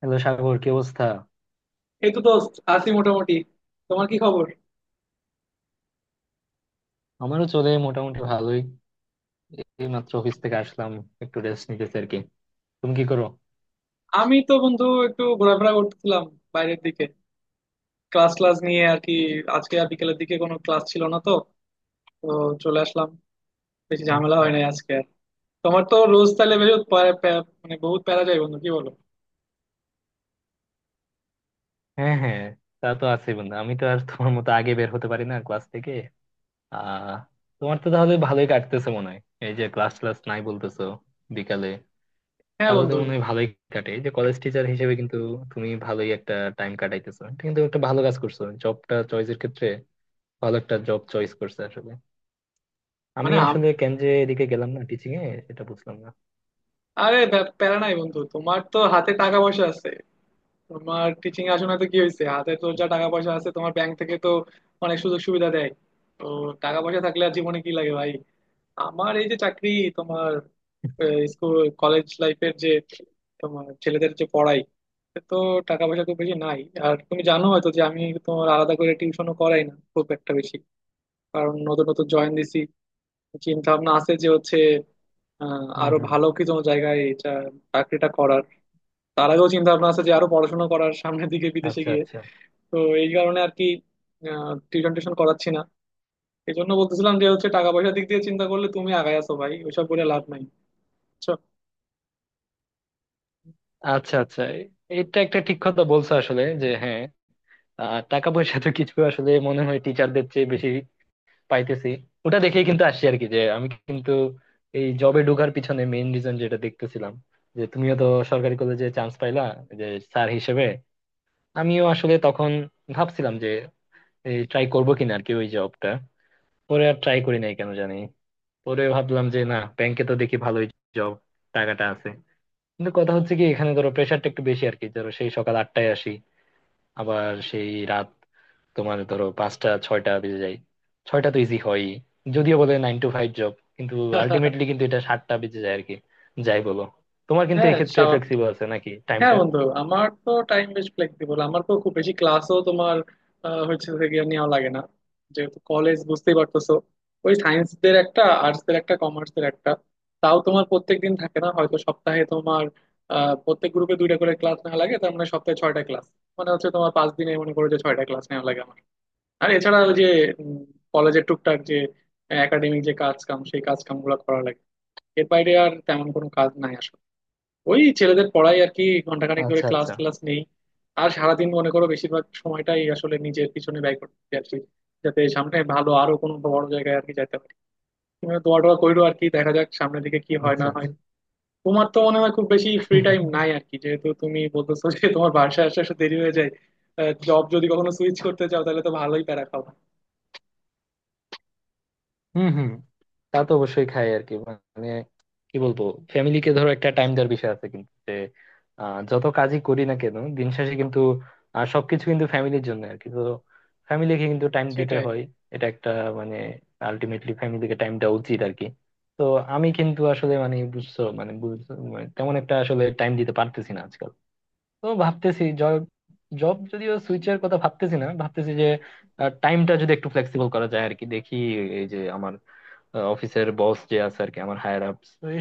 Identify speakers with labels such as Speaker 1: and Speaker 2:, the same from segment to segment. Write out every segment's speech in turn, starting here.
Speaker 1: Hello Sagar, কি অবস্থা?
Speaker 2: এই তো দোস্ত আছি মোটামুটি। তোমার কি খবর?
Speaker 1: আমারও চলে মোটামুটি ভালোই। এই মাত্র অফিস থেকে আসলাম, একটু রেস্ট নিতেছি আর কি। তুমি কি করো?
Speaker 2: আমি তো বন্ধু একটু ঘোরাফেরা করতেছিলাম বাইরের দিকে, ক্লাস ক্লাস নিয়ে আর কি। আজকে আর বিকেলের দিকে কোনো ক্লাস ছিল না তো, তো চলে আসলাম। বেশি ঝামেলা
Speaker 1: আচ্ছা।
Speaker 2: হয় নাই আজকে আর। তোমার তো রোজ তাহলে বেশ প্যা- প্যা- মানে বহুত প্যারা যায় বন্ধু, কি বলো?
Speaker 1: হ্যাঁ হ্যাঁ, তা তো আছে বন্ধু, আমি তো আর তোমার মতো আগে বের হতে পারি না ক্লাস থেকে। আহ তোমার তো তাহলে ভালোই কাটতেছে মনে হয়, এই যে ক্লাস ক্লাস নাই বলতেছো বিকালে।
Speaker 2: হ্যাঁ
Speaker 1: তাহলে তো
Speaker 2: বন্ধু।
Speaker 1: মনে হয় ভালোই কাটে, এই যে কলেজ টিচার হিসেবে কিন্তু তুমি ভালোই একটা টাইম কাটাইতেছো। এটা কিন্তু একটা ভালো কাজ করছো, জবটা চয়েসের ক্ষেত্রে ভালো একটা জব চয়েস করছো আসলে। আমি
Speaker 2: মানে
Speaker 1: আসলে কেন যে এদিকে গেলাম না টিচিং এ সেটা বুঝলাম।
Speaker 2: আরে প্যারা নাই বন্ধু, তোমার তো হাতে টাকা পয়সা আছে। তোমার টিচিং আসনে তো কি হয়েছে, হাতে তো যা টাকা পয়সা আছে তোমার, ব্যাংক থেকে তো অনেক সুযোগ সুবিধা দেয়। তো টাকা পয়সা থাকলে আর জীবনে কি লাগে ভাই? আমার এই যে চাকরি, তোমার স্কুল কলেজ লাইফের যে, তোমার ছেলেদের যে পড়াই, এতে তো টাকা পয়সা খুব বেশি নাই। আর তুমি জানো হয়তো যে আমি তোমার আলাদা করে টিউশনও করাই না খুব একটা বেশি, কারণ নতুন নতুন জয়েন দিছি। চিন্তা ভাবনা আছে যে হচ্ছে
Speaker 1: হম
Speaker 2: আরো
Speaker 1: হম।
Speaker 2: ভালো কি কোনো জায়গায় এটা চাকরিটা করার। তার আগেও চিন্তা ভাবনা আছে যে আরো পড়াশোনা করার সামনের দিকে বিদেশে
Speaker 1: আচ্ছা
Speaker 2: গিয়ে।
Speaker 1: আচ্ছা।
Speaker 2: তো এই কারণে আর কি টিউশন টিউশন করাচ্ছি না। এই জন্য বলতেছিলাম যে হচ্ছে টাকা পয়সার দিক দিয়ে চিন্তা করলে তুমি আগায় আছো ভাই, ওইসব বলে লাভ নাই, বুঝছো?
Speaker 1: আচ্ছা আচ্ছা, এটা একটা ঠিক কথা বলছো আসলে, যে হ্যাঁ, টাকা পয়সা তো কিছু আসলে মনে হয় টিচারদের চেয়ে বেশি পাইতেছি। ওটা দেখেই কিন্তু আসছি আর কি, যে আমি কিন্তু এই জবে ঢোকার পিছনে মেইন রিজন যেটা দেখতেছিলাম, যে তুমিও তো সরকারি কলেজে চান্স পাইলা, যে স্যার হিসেবে। আমিও আসলে তখন ভাবছিলাম যে এই ট্রাই করবো কিনা আর কি ওই জবটা। পরে আর ট্রাই করি নাই কেন জানি। পরে ভাবলাম যে না, ব্যাংকে তো দেখি ভালোই জব, টাকাটা আছে। কিন্তু কথা হচ্ছে কি, এখানে ধরো প্রেশারটা একটু বেশি আর কি। ধরো সেই সকাল 8টায় আসি, আবার সেই রাত, তোমার ধরো 5টা 6টা বেজে যায়। 6টা তো ইজি হয়ই, যদিও বলে 9 to 5 জব, কিন্তু আলটিমেটলি কিন্তু এটা 7টা বেজে যায় আর কি, যাই বলো। তোমার কিন্তু
Speaker 2: হ্যাঁ
Speaker 1: এক্ষেত্রে
Speaker 2: স্বাভাবিক।
Speaker 1: ফ্লেক্সিবল আছে নাকি
Speaker 2: হ্যাঁ
Speaker 1: টাইমটা?
Speaker 2: বন্ধু, আমার তো টাইম বেশ ফ্লেক্সিবল। আমার তো খুব বেশি ক্লাসও তোমার হচ্ছে থেকে নেওয়া লাগে না, যেহেতু কলেজ বুঝতেই পারতেছো। ওই সায়েন্স দের একটা, আর্টস দের একটা, কমার্স এর একটা। তাও তোমার প্রত্যেক দিন থাকে না, হয়তো সপ্তাহে তোমার প্রত্যেক গ্রুপে 2টা করে ক্লাস নেওয়া লাগে, তার মানে সপ্তাহে 6টা ক্লাস। মানে হচ্ছে তোমার 5 দিনে মনে করো যে 6টা ক্লাস নেওয়া লাগে আমার। আর এছাড়া ওই যে কলেজের টুকটাক যে একাডেমিক যে কাজ কাম, সেই কাজ কাম গুলো করা লাগে। এর বাইরে আর তেমন কোনো কাজ নাই আসলে। ওই ছেলেদের পড়াই আর কি, ঘন্টাখানেক ধরে
Speaker 1: আচ্ছা
Speaker 2: ক্লাস
Speaker 1: আচ্ছা।
Speaker 2: ক্লাস নেই। আর সারাদিন মনে করো বেশিরভাগ সময়টাই আসলে নিজের পিছনে ব্যয় করতে আর কি, যাতে সামনে ভালো আরো কোনো বড় জায়গায় আর কি যাইতে পারি। তুমি দোয়া টোয়া কইরো আর কি, দেখা যাক সামনের দিকে কি হয়
Speaker 1: আচ্ছা
Speaker 2: না হয়।
Speaker 1: আচ্ছা।
Speaker 2: তোমার তো মনে হয় খুব বেশি ফ্রি টাইম নাই আর কি, যেহেতু তুমি বলতেছো যে তোমার বাসায় আসতে আসতে দেরি হয়ে যায়। জব যদি কখনো সুইচ করতে চাও তাহলে তো ভালোই প্যারা খাও।
Speaker 1: হম হম, তা তো অবশ্যই খাই আর কি। মানে কি বলবো, ফ্যামিলিকে ধরো একটা টাইম দেওয়ার বিষয় আছে কিন্তু, যে যত কাজই করি না কেন দিন শেষে কিন্তু সবকিছু কিন্তু ফ্যামিলির জন্য আর কি। তো ফ্যামিলিকে কিন্তু টাইম দিতে
Speaker 2: সেটাই।
Speaker 1: হয়। এটা একটা, মানে, আলটিমেটলি ফ্যামিলিকে টাইম দেওয়া উচিত আর কি। তো আমি কিন্তু আসলে মানে বুঝছো, মানে তেমন একটা আসলে টাইম দিতে পারতেছি না আজকাল। তো ভাবতেছি জব, জব যদিও সুইচের কথা ভাবতেছি না, ভাবতেছি যে টাইমটা যদি একটু ফ্লেক্সিবল করা যায় আর কি, দেখি। এই যে আমার অফিসের বস যে আছে আর কি, আমার হায়ার আপ,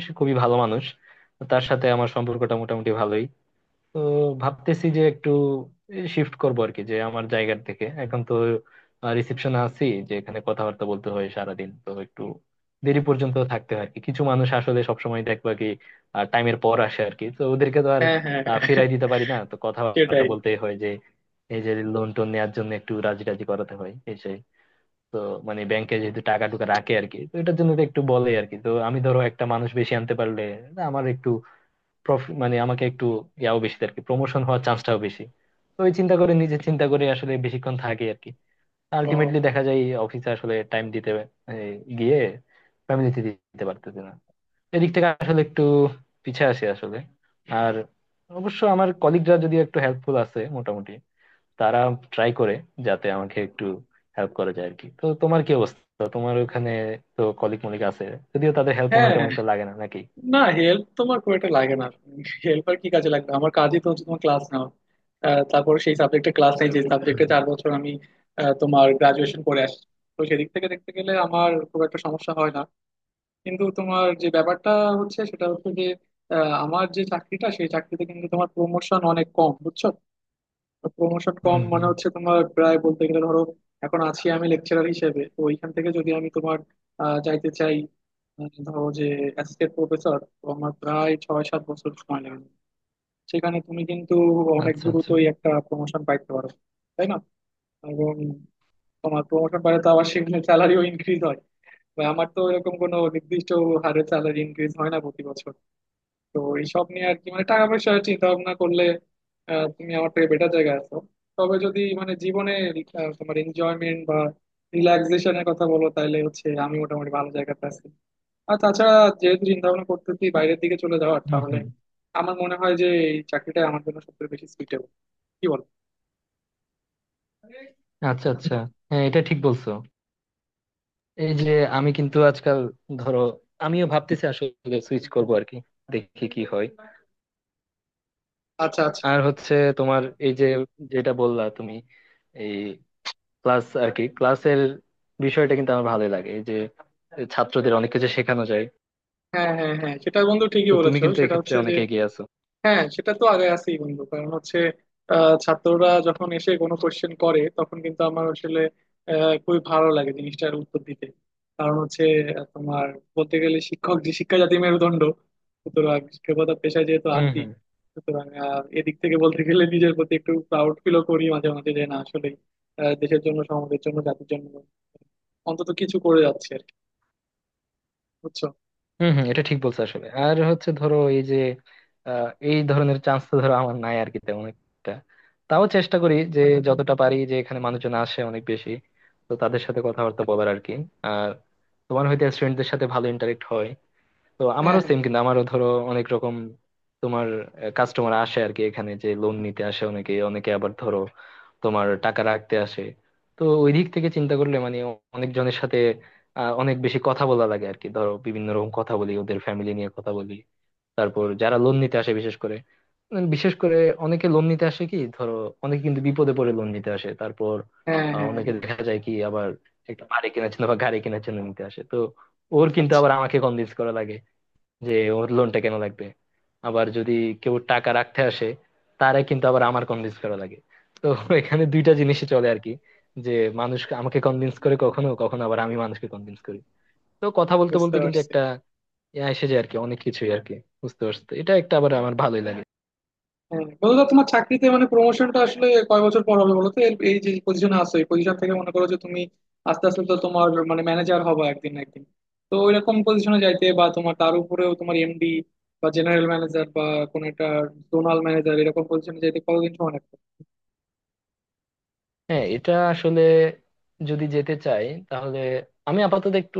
Speaker 1: সে খুবই ভালো মানুষ। তো তার সাথে আমার সম্পর্কটা মোটামুটি ভালোই। তো ভাবতেছি যে একটু শিফট করবো আর কি, যে আমার জায়গার থেকে। এখন তো রিসেপশনে আছি, যে এখানে কথাবার্তা বলতে হয় সারাদিন, তো একটু দেরি পর্যন্ত থাকতে হয় আর কি। কিছু মানুষ আসলে সবসময় দেখবা কি টাইমের পর আসে আর কি, তো ওদেরকে তো আর
Speaker 2: হ্যাঁ হ্যাঁ হ্যাঁ,
Speaker 1: ফিরাই দিতে পারি না, তো কথাবার্তা
Speaker 2: সেটাই।
Speaker 1: বলতেই হয়, যে এই যে লোন টোন নেওয়ার জন্য একটু রাজি রাজি করাতে হয় এই সেই। তো মানে ব্যাংকে যেহেতু টাকা টুকা রাখে আর কি, তো এটার জন্য তো একটু বলে আর কি। তো আমি ধরো একটা মানুষ বেশি আনতে পারলে না, আমার একটু প্রফিট, মানে আমাকে একটু ইয়াও বেশি আর কি, প্রমোশন হওয়ার চান্সটাও বেশি। তো ওই চিন্তা করে, নিজে চিন্তা করে আসলে বেশিক্ষণ থাকে আর কি।
Speaker 2: ও,
Speaker 1: আলটিমেটলি দেখা যায় অফিসে আসলে টাইম দিতে, মানে গিয়ে ফ্যামিলিতে দিতে পারতেছে না। এদিক থেকে আসলে একটু পিছে আছি আসলে। আর অবশ্য আমার কলিগরা যদিও একটু হেল্পফুল আছে মোটামুটি, তারা ট্রাই করে যাতে আমাকে একটু হেল্প করা যায় আর কি। তো তোমার কি অবস্থা, তোমার ওখানে তো কলিগ মলিগ আছে, যদিও তাদের হেল্প মনে হয়
Speaker 2: হ্যাঁ।
Speaker 1: তেমন একটা লাগে না নাকি?
Speaker 2: না, হেল্প তোমার খুব একটা লাগে না। হেল্প আর কি কাজে লাগবে, আমার কাজই তো হচ্ছে তোমার ক্লাস নাও। তারপরে সেই সাবজেক্টে ক্লাস নেই যে
Speaker 1: হুম
Speaker 2: সাবজেক্টে
Speaker 1: হুম।
Speaker 2: 4 বছর আমি তোমার গ্রাজুয়েশন করে আসছি। তো সেদিক থেকে দেখতে গেলে আমার খুব একটা সমস্যা হয় না। কিন্তু তোমার যে ব্যাপারটা হচ্ছে সেটা হচ্ছে যে আহ, আমার যে চাকরিটা, সেই চাকরিতে কিন্তু তোমার প্রমোশন অনেক কম, বুঝছো। প্রমোশন কম
Speaker 1: হুম
Speaker 2: মানে
Speaker 1: হুম।
Speaker 2: হচ্ছে তোমার প্রায় বলতে গেলে ধরো এখন আছি আমি লেকচারার হিসেবে। তো ওইখান থেকে যদি আমি তোমার যাইতে চাই ধরো যে অ্যাসিস্ট্যান্ট প্রফেসর, তো আমার প্রায় 6-7 বছর সময় লাগবে। সেখানে তুমি কিন্তু অনেক
Speaker 1: আচ্ছা আচ্ছা।
Speaker 2: দ্রুতই একটা প্রমোশন পাইতে পারো, তাই না? এবং তোমার প্রমোশন পাইলে তো আবার সেখানে স্যালারিও ইনক্রিজ হয়। বা আমার তো এরকম কোনো নির্দিষ্ট হারে স্যালারি ইনক্রিজ হয় না প্রতি বছর। তো এইসব নিয়ে আর কি, মানে টাকা পয়সা চিন্তা ভাবনা করলে তুমি আমার থেকে বেটার জায়গায় আছো। তবে যদি মানে জীবনে তোমার এনজয়মেন্ট বা রিল্যাক্সেশনের কথা বলো, তাহলে হচ্ছে আমি মোটামুটি ভালো জায়গাতে আছি। আর তাছাড়া যেহেতু চিন্তা ভাবনা করতেছি বাইরের দিকে চলে যাওয়ার,
Speaker 1: হুম
Speaker 2: তাহলে
Speaker 1: হুম।
Speaker 2: আমার মনে হয় যে এই চাকরিটা আমার জন্য সবথেকে বেশি সুইটেবল, কি বল?
Speaker 1: আচ্ছা আচ্ছা। হ্যাঁ, এটা ঠিক বলছো। এই যে আমি কিন্তু আজকাল ধরো, আমিও ভাবতেছি আসলে সুইচ করবো আর কি, দেখি কি হয়।
Speaker 2: আচ্ছা আচ্ছা।
Speaker 1: আর হচ্ছে তোমার এই যে যেটা বললা তুমি, এই ক্লাস আর কি, ক্লাসের বিষয়টা কিন্তু আমার ভালোই লাগে, এই যে ছাত্রদের অনেক কিছু শেখানো যায়।
Speaker 2: হ্যাঁ হ্যাঁ হ্যাঁ, সেটা বন্ধু ঠিকই
Speaker 1: তো তুমি
Speaker 2: বলেছো।
Speaker 1: কিন্তু
Speaker 2: সেটা
Speaker 1: এক্ষেত্রে
Speaker 2: হচ্ছে যে
Speaker 1: অনেক এগিয়ে আছো।
Speaker 2: হ্যাঁ, সেটা তো আগে আছেই বন্ধু। কারণ হচ্ছে ছাত্ররা যখন এসে কোনো কোশ্চেন করে তখন কিন্তু আমার আসলে খুবই ভালো লাগে জিনিসটার উত্তর দিতে। কারণ হচ্ছে তোমার বলতে গেলে শিক্ষক যে শিক্ষা, জাতি মেরুদণ্ড। সুতরাং শিক্ষকতা পেশায় যেহেতু
Speaker 1: হুম
Speaker 2: আছি,
Speaker 1: হুম।
Speaker 2: সুতরাং এদিক থেকে বলতে গেলে নিজের প্রতি একটু প্রাউড ফিলও করি মাঝে মাঝে যে না, আসলে দেশের জন্য, সমাজের জন্য, জাতির জন্য অন্তত কিছু করে যাচ্ছে আর কি, বুঝছো।
Speaker 1: হুম হুম, এটা ঠিক বলছো আসলে। আর হচ্ছে ধরো এই যে এই ধরনের চান্স তো ধরো আমার নাই আর কি তেমন একটা। তাও চেষ্টা করি যে যতটা পারি, যে এখানে মানুষজন আসে অনেক বেশি, তো তাদের সাথে কথাবার্তা বলার আর কি। আর তোমার হয়তো স্টুডেন্টদের সাথে ভালো ইন্টারেক্ট হয়, তো
Speaker 2: হ্যাঁ
Speaker 1: আমারও
Speaker 2: হ্যাঁ
Speaker 1: সেম কিন্তু। আমারও ধরো অনেক রকম তোমার কাস্টমার আসে আর কি, এখানে যে লোন নিতে আসে অনেকে, অনেকে আবার ধরো তোমার টাকা রাখতে আসে। তো ওই দিক থেকে চিন্তা করলে, মানে অনেকজনের সাথে অনেক বেশি কথা বলা লাগে আর কি। ধরো বিভিন্ন রকম কথা বলি, ওদের ফ্যামিলি নিয়ে কথা বলি। তারপর যারা লোন নিতে আসে বিশেষ করে, বিশেষ করে অনেকে লোন নিতে আসে কি ধরো, অনেকে কিন্তু বিপদে পড়ে লোন নিতে আসে। তারপর
Speaker 2: হ্যাঁ হ্যাঁ
Speaker 1: অনেকে
Speaker 2: হ্যাঁ।
Speaker 1: দেখা যায় কি আবার একটা বাড়ি কেনার জন্য বা গাড়ি কেনার জন্য নিতে আসে। তো ওর কিন্তু
Speaker 2: আচ্ছা।
Speaker 1: আবার আমাকে কনভিন্স করা লাগে যে ওর লোনটা কেন লাগবে। আবার যদি কেউ টাকা রাখতে আসে, তারে কিন্তু আবার আমার কনভিন্স করা লাগে। তো এখানে দুইটা জিনিসই চলে আর কি, যে মানুষ আমাকে কনভিন্স করে কখনো কখনো, আবার আমি মানুষকে কনভিন্স করি। তো কথা বলতে
Speaker 2: বুঝতে
Speaker 1: বলতে কিন্তু
Speaker 2: পারছি।
Speaker 1: একটা ইয়া এসে যায় আর কি, অনেক কিছুই আর কি, বুঝতে পারছো তো। এটা একটা আবার আমার ভালোই লাগে।
Speaker 2: হ্যাঁ বলো তো, তোমার চাকরিতে মানে প্রমোশনটা আসলে কয় বছর পর হবে বলো তো এই যে পজিশনে আছো এই পজিশন থেকে, মনে করো যে তুমি আস্তে আস্তে তো তোমার মানে ম্যানেজার হবা একদিন না একদিন। তো ওইরকম পজিশনে যাইতে, বা তোমার তার উপরেও তোমার এমডি বা জেনারেল ম্যানেজার বা কোন একটা জোনাল ম্যানেজার, এরকম পজিশনে যাইতে কতদিন সময় লাগবে?
Speaker 1: হ্যাঁ, এটা আসলে যদি যেতে চাই তাহলে, আমি আপাতত একটু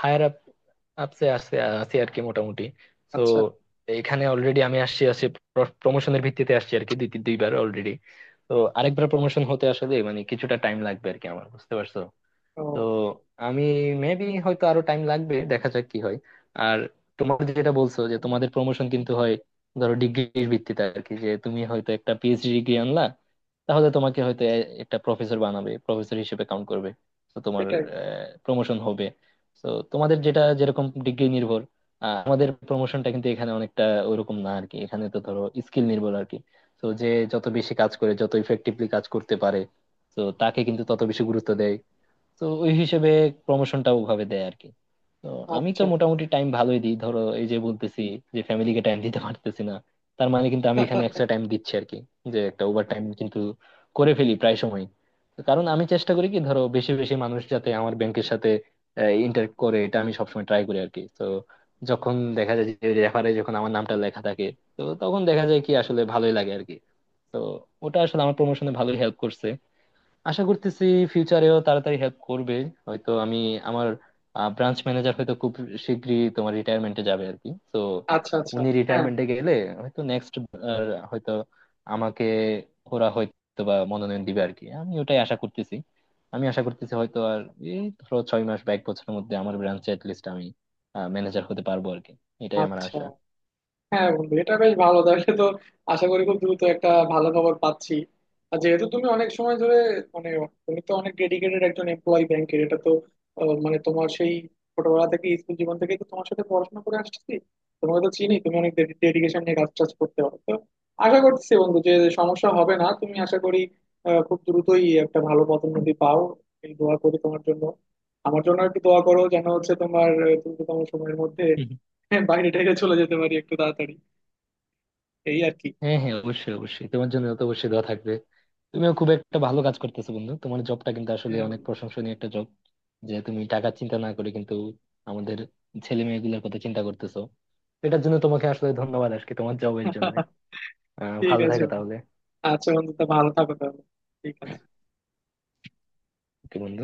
Speaker 1: হায়ার আপ আপসে আসছে আছি আর কি মোটামুটি। তো
Speaker 2: আচ্ছা।
Speaker 1: এখানে অলরেডি আমি আসছি আসছি প্রমোশনের ভিত্তিতে, আসছি আর কি দুইবার অলরেডি। তো আরেকবার প্রমোশন হতে আসলে মানে কিছুটা টাইম লাগবে আর কি আমার, বুঝতে পারছো
Speaker 2: ও।
Speaker 1: তো। আমি মেবি হয়তো আরো টাইম লাগবে, দেখা যাক কি হয়। আর তোমার যেটা বলছো যে তোমাদের প্রমোশন কিন্তু হয় ধরো ডিগ্রির ভিত্তিতে আর কি, যে তুমি হয়তো একটা পিএইচডি ডিগ্রি আনলা, তাহলে তোমাকে হয়তো একটা প্রফেসর বানাবে, প্রফেসর হিসেবে কাউন্ট করবে, তো তোমার
Speaker 2: এটাই।
Speaker 1: প্রমোশন হবে। তো তোমাদের যেটা যেরকম ডিগ্রি নির্ভর, আমাদের প্রমোশনটা কিন্তু এখানে অনেকটা ওরকম না আর কি, এখানে তো ধরো স্কিল নির্ভর আর কি। তো যে যত বেশি কাজ করে, যত ইফেক্টিভলি কাজ করতে পারে, তো তাকে কিন্তু তত বেশি গুরুত্ব দেয়। তো ওই হিসেবে প্রমোশনটা ওভাবে দেয় আর কি। তো আমি তো
Speaker 2: আচ্ছা।
Speaker 1: মোটামুটি টাইম ভালোই দিই, ধরো এই যে বলতেছি যে ফ্যামিলিকে টাইম দিতে পারতেছি না, তার মানে কিন্তু আমি এখানে এক্সট্রা টাইম দিচ্ছি আর কি, যে একটা ওভার টাইম কিন্তু করে ফেলি প্রায় সময়। তো কারণ আমি চেষ্টা করি কি ধরো, বেশি বেশি মানুষ যাতে আমার ব্যাংকের সাথে ইন্টারেক্ট করে, এটা আমি সবসময় ট্রাই করি আর কি। তো যখন দেখা যায় যে রেফারে যখন আমার নামটা লেখা থাকে, তো তখন দেখা যায় কি আসলে ভালোই লাগে আর কি। তো ওটা আসলে আমার প্রমোশনে ভালোই হেল্প করছে। আশা করতেছি ফিউচারেও তাড়াতাড়ি হেল্প করবে। হয়তো আমি, আমার ব্রাঞ্চ ম্যানেজার হয়তো খুব শীঘ্রই তোমার রিটায়ারমেন্টে যাবে আর কি, তো
Speaker 2: আচ্ছা আচ্ছা।
Speaker 1: উনি
Speaker 2: হ্যাঁ।
Speaker 1: রিটায়ারমেন্টে গেলে হয়তো নেক্সট, হয়তো আমাকে ওরা হয়তো বা মনোনয়ন দিবে আর কি। আমি ওটাই আশা করতেছি। আমি আশা করতেছি হয়তো আর এই ধরো 6 মাস বা এক বছরের মধ্যে আমার ব্রাঞ্চে লিস্ট আমি ম্যানেজার হতে পারবো আর কি। এটাই আমার
Speaker 2: আচ্ছা।
Speaker 1: আশা।
Speaker 2: হ্যাঁ বন্ধু, এটা বেশ ভালো তাহলে তো। আশা করি খুব দ্রুত একটা ভালো খবর পাচ্ছি। আর যেহেতু তুমি অনেক সময় ধরে মানে তুমি তো অনেক ডেডিকেটেড একজন এমপ্লয়ি ব্যাংকের, এটা তো মানে তোমার সেই ছোটবেলা থেকে স্কুল জীবন থেকে তো তোমার সাথে পড়াশোনা করে আসছি, তোমাকে তো চিনি, তুমি অনেক ডেডিকেশন নিয়ে কাজ টাজ করতে পারো। তো আশা করছি বন্ধু যে সমস্যা হবে না, তুমি আশা করি খুব দ্রুতই একটা ভালো পদোন্নতি পাও, এই দোয়া করি তোমার জন্য। আমার জন্য একটু দোয়া করো যেন হচ্ছে তোমার দ্রুততম সময়ের মধ্যে বাইরে টাইরে চলে যেতে পারি একটু তাড়াতাড়ি, এই আর কি।
Speaker 1: হ্যাঁ হ্যাঁ, অবশ্যই অবশ্যই, তোমার জন্য তো অবশ্যই দোয়া থাকবে। তুমিও খুব একটা ভালো কাজ করতেছো বন্ধু, তোমার জবটা কিন্তু আসলে
Speaker 2: হ্যাঁ
Speaker 1: অনেক
Speaker 2: বন্ধু।
Speaker 1: প্রশংসনীয় একটা জব, যে তুমি টাকা চিন্তা না করে কিন্তু আমাদের ছেলে মেয়েগুলোর কথা চিন্তা করতেছো। এটার জন্য তোমাকে আসলে ধন্যবাদ আজকে তোমার জবের জন্য। আহ,
Speaker 2: ঠিক
Speaker 1: ভালো
Speaker 2: আছে
Speaker 1: থাকো
Speaker 2: বন্ধু।
Speaker 1: তাহলে।
Speaker 2: আচ্ছা বন্ধু, তা ভালো থাকো তাহলে। ঠিক আছে।
Speaker 1: কি বন্ধু।